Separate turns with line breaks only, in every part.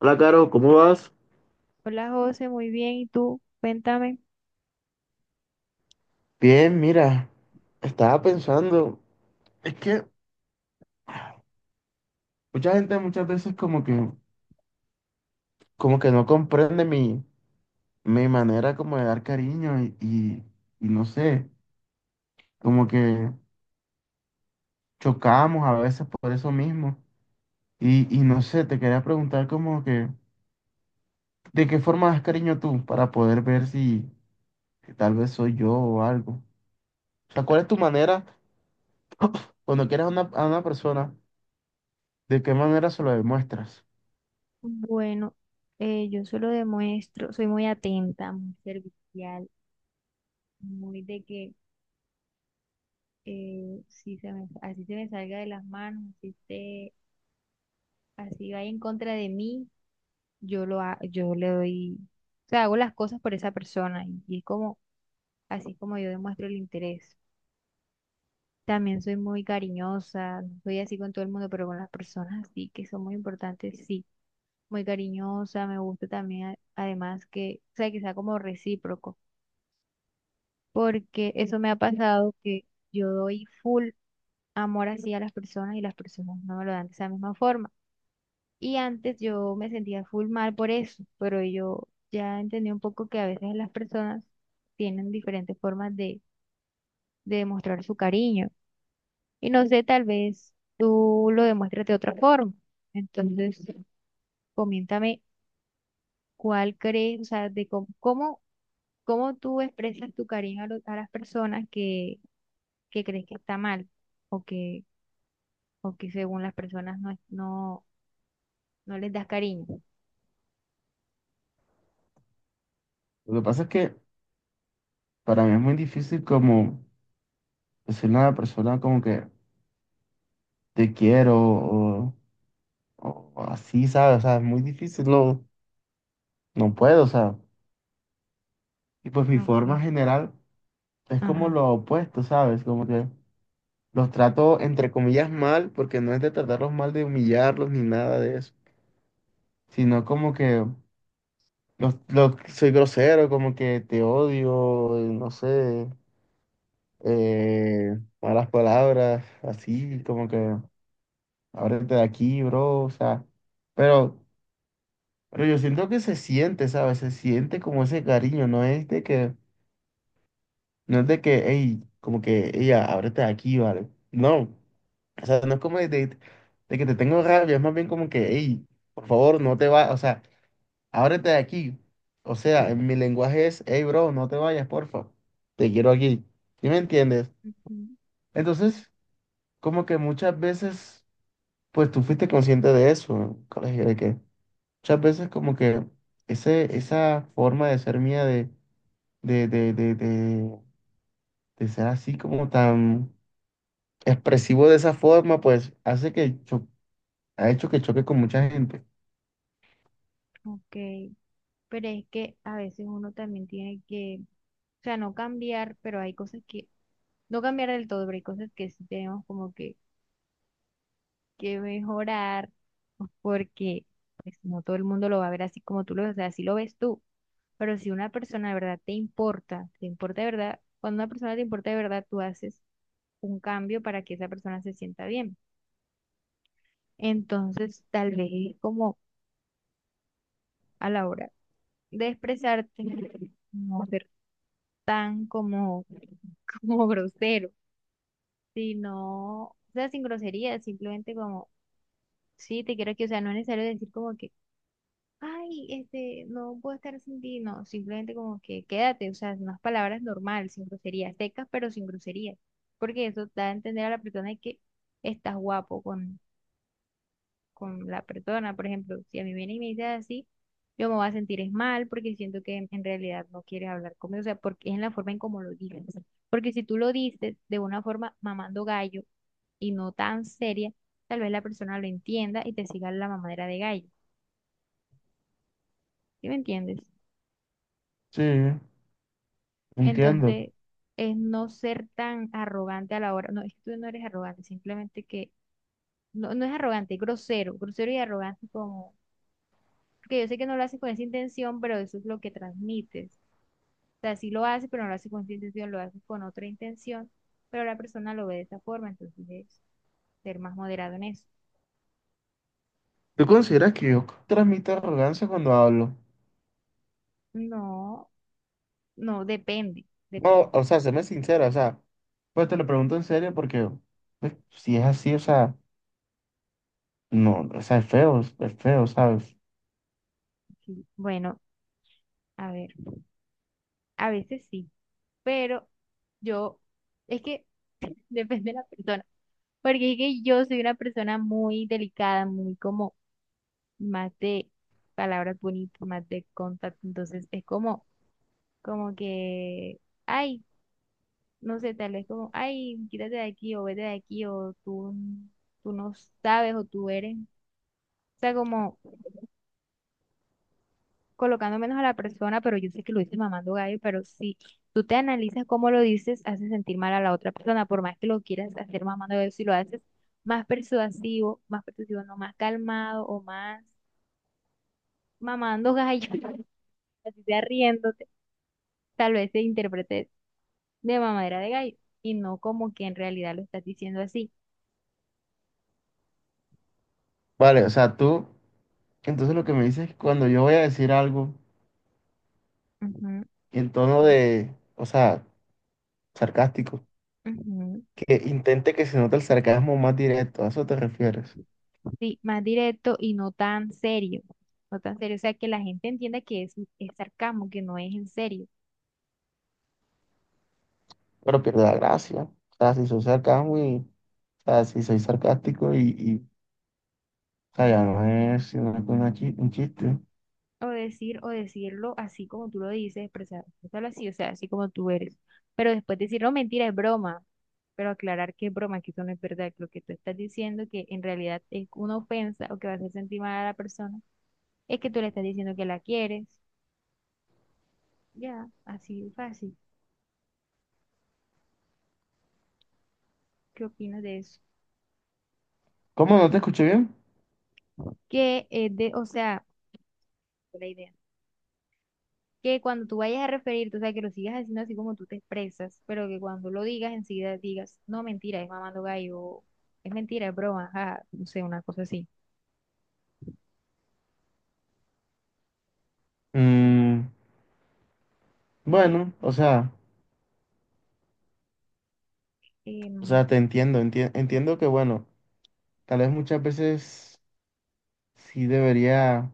Hola, Caro, ¿cómo vas?
Hola José, muy bien. ¿Y tú? Cuéntame.
Bien, mira, estaba pensando, es que mucha gente muchas veces como que no comprende mi manera como de dar cariño y no sé, como que chocamos a veces por eso mismo. Y no sé, te quería preguntar como que, ¿de qué forma das cariño tú para poder ver si tal vez soy yo o algo? O sea, ¿cuál es tu manera cuando quieres a una persona, de qué manera se lo demuestras?
Bueno, yo solo demuestro, soy muy atenta, muy servicial, muy de que si se me, así se me salga de las manos, así esté, así vaya en contra de mí, yo le doy, o sea, hago las cosas por esa persona y es como así como yo demuestro el interés. También soy muy cariñosa, no soy así con todo el mundo, pero con las personas sí que son muy importantes, sí. Muy cariñosa, me gusta también además que, o sea, que sea como recíproco, porque eso me ha pasado que yo doy full amor así a las personas y las personas no me lo dan de esa misma forma. Y antes yo me sentía full mal por eso, pero yo ya entendí un poco que a veces las personas tienen diferentes formas de demostrar su cariño. Y no sé, tal vez tú lo demuestras de otra forma. Entonces, coméntame cuál crees, o sea, de cómo ¿cómo tú expresas tu cariño a, a las personas que crees que está mal o que, o que según las personas no, no, no les das cariño?
Lo que pasa es que para mí es muy difícil como decirle a una persona como que te quiero o, o así, ¿sabes? O sea, es muy difícil, no, no puedo, o sea. Y pues mi forma
Okay.
general es como
Ajá.
lo opuesto, ¿sabes? Como que los trato entre comillas mal, porque no es de tratarlos mal, de humillarlos ni nada de eso, sino como que los- soy grosero, como que te odio, no sé, malas palabras, así, como que ábrete de aquí, bro, o sea, pero, pero yo siento que se siente, ¿sabes? Se siente como ese cariño, no es de que, hey, como que, ella, ábrete de aquí, ¿vale? No, o sea, no es como de que te tengo rabia, es más bien como que, hey, por favor, no te vayas, o sea, ábrete de aquí, o sea, en mi lenguaje es, hey, bro, no te vayas, porfa, te quiero aquí, ¿sí me entiendes?
Ujú.
Entonces, como que muchas veces, pues tú fuiste consciente de eso, ¿no? Colegio, de que muchas veces como que esa forma de ser mía de, de, de, de, de ser así como tan expresivo de esa forma, pues ha hecho que choque con mucha gente.
Ok. Pero es que a veces uno también tiene que, o sea, no cambiar, pero hay cosas que, no cambiar del todo, pero hay cosas que sí tenemos como que mejorar, porque pues no todo el mundo lo va a ver así como tú lo ves, o sea, así lo ves tú. Pero si una persona de verdad te importa de verdad, cuando una persona te importa de verdad, tú haces un cambio para que esa persona se sienta bien. Entonces, tal vez es como a la hora de expresarte, no ser tan como, como grosero, sino, o sea, sin grosería, simplemente como, sí, te quiero aquí, o sea, no es necesario decir como que ay, este, no puedo estar sin ti, no, simplemente como que quédate, o sea, unas palabras normales, sin groserías, secas, pero sin groserías, porque eso da a entender a la persona de que estás guapo con la persona, por ejemplo, si a mí viene y me dice así, yo me voy a sentir es mal, porque siento que en realidad no quieres hablar conmigo, o sea, porque es en la forma en cómo lo dices. Porque si tú lo dices de una forma mamando gallo y no tan seria, tal vez la persona lo entienda y te siga la mamadera de gallo, ¿sí me entiendes?
Sí, entiendo.
Entonces, es no ser tan arrogante a la hora. No, es que tú no eres arrogante, simplemente que no, no es arrogante, es grosero, grosero y arrogante como, porque yo sé que no lo haces con esa intención, pero eso es lo que transmites. O sea, sí lo haces, pero no lo haces con esa intención, lo haces con otra intención, pero la persona lo ve de esa forma, entonces es ser más moderado en eso.
¿Tú consideras que yo transmito arrogancia cuando hablo?
No, no, depende,
No,
depende.
o sea, séme sincera, o sea, pues te lo pregunto en serio porque pues, si es así, o sea, no, o sea, es feo, ¿sabes?
Sí. Bueno, a ver, a veces sí, pero yo, es que depende de la persona. Porque es que yo soy una persona muy delicada, muy como más de palabras bonitas, más de contacto. Entonces es como, como que, ay, no sé, tal vez como, ay, quítate de aquí o vete de aquí o tú no sabes o tú eres. O sea, como colocando menos a la persona, pero yo sé que lo dices mamando gallo, pero si tú te analizas cómo lo dices, hace sentir mal a la otra persona, por más que lo quieras hacer mamando gallo, si lo haces más persuasivo, no más calmado o más mamando gallo, así sea riéndote, tal vez se interprete de mamadera de gallo y no como que en realidad lo estás diciendo así.
Vale, o sea, tú, entonces lo que me dices es que cuando yo voy a decir algo en tono de, o sea, sarcástico,
Ujú, ujú.
que intente que se note el sarcasmo más directo, a eso te refieres,
Sí, más directo y no tan serio, no tan serio, o sea, que la gente entienda que es sarcasmo, que no es en serio.
pero pierde la gracia, o sea, si soy sarcasmo y, o sea, si soy sarcástico y o sea, ya no es sino que un chiste.
O decir, o decirlo así como tú lo dices, expresarlo así, o sea, así como tú eres. Pero después decir, no, mentira, es broma. Pero aclarar que es broma, que eso no es verdad, que lo que tú estás diciendo, que en realidad es una ofensa o que va a hacer sentir mal a la persona. Es que tú le estás diciendo que la quieres. Ya, así de fácil. ¿Qué opinas de eso?
¿Cómo no te escuché bien?
Que, de, o sea, la idea. Que cuando tú vayas a referirte, o sea, que lo sigas haciendo así como tú te expresas, pero que cuando lo digas, enseguida digas, no, mentira, es mamando gallo, o es mentira, es broma, ajá, no sé, una cosa así.
Mm,
Sí,
bueno, o
em,
sea, te entiendo, entiendo que, bueno, tal vez muchas veces sí debería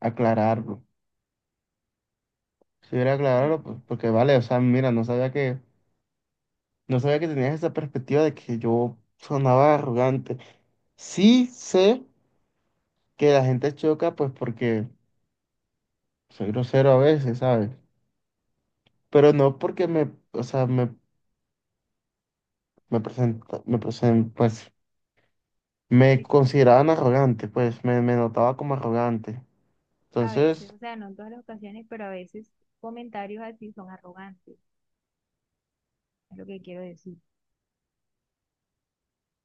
aclararlo, si debería aclararlo,
sí,
pues, porque vale, o sea, mira, no sabía que tenías esa perspectiva de que yo sonaba arrogante. Sí sé que la gente choca, pues porque soy grosero a veces, ¿sabes? Pero no porque me presenta, pues me
sí,
consideraban arrogante, pues me notaba como arrogante.
a veces,
Entonces,
o sea, no en todas las ocasiones, pero a veces comentarios así son arrogantes, es lo que quiero decir.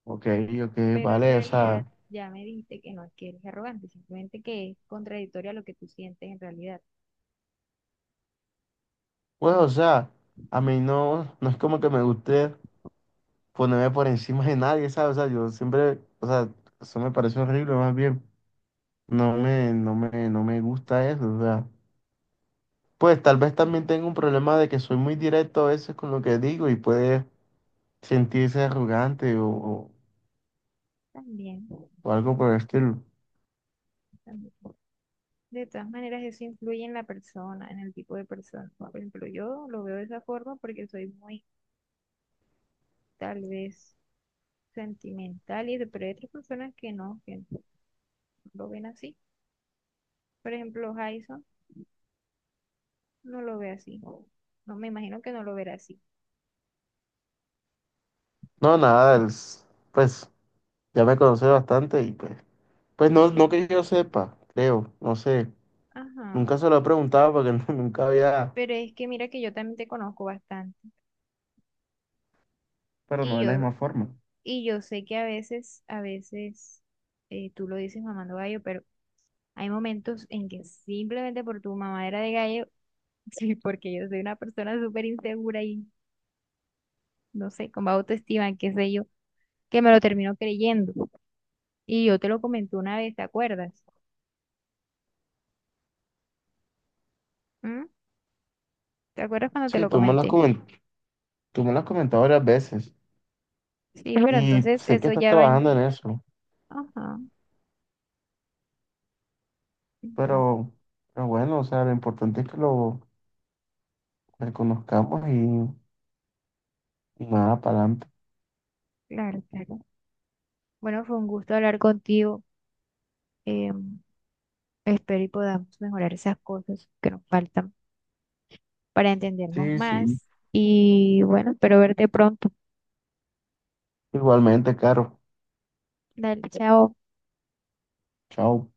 ok, ok,
Pero en
vale, o
realidad
sea,
ya me dijiste que no es que eres arrogante, simplemente que es contradictorio a lo que tú sientes en realidad.
pues, o sea, a mí no, no es como que me guste ponerme por encima de nadie, ¿sabes? O sea, yo siempre, o sea, eso me parece horrible, más bien. No me gusta eso, o sea, pues tal vez también tengo un problema de que soy muy directo a veces con lo que digo y puede sentirse arrogante
También,
o algo por el estilo.
también. De todas maneras, eso influye en la persona, en el tipo de persona. Por ejemplo, yo lo veo de esa forma porque soy muy, tal vez, sentimental y eso, pero hay otras personas que no lo ven así. Por ejemplo, Jason no lo ve así. No me imagino que no lo verá así.
No, nada, pues ya me conoce bastante y pues, pues no,
Sí.
no que yo sepa, creo, no sé,
Ajá.
nunca se lo he preguntado porque nunca había,
Pero es que mira que yo también te conozco bastante.
pero
Y
no de la
yo.
misma forma.
Y yo sé que a veces tú lo dices mamando gallo, pero hay momentos en que simplemente por tu mamadera de gallo, sí, porque yo soy una persona súper insegura y no sé, con baja autoestima, qué sé yo, que me lo termino creyendo. Y yo te lo comenté una vez, ¿te acuerdas? ¿Mm? ¿Te acuerdas cuando te
Sí,
lo comenté?
tú me lo has comentado varias veces
Sí, pero
y
entonces
sé que
eso
estás
ya va en
trabajando en
mí.
eso,
Ajá, entonces,
pero, pero bueno, o sea, lo importante es que lo reconozcamos y nada, para adelante.
claro, claro. Bueno, fue un gusto hablar contigo. em, espero y podamos mejorar esas cosas que nos faltan, para entendernos
Sí, sí.
más. Y bueno, espero verte pronto.
Igualmente, Caro.
Dale, chao.
Chao.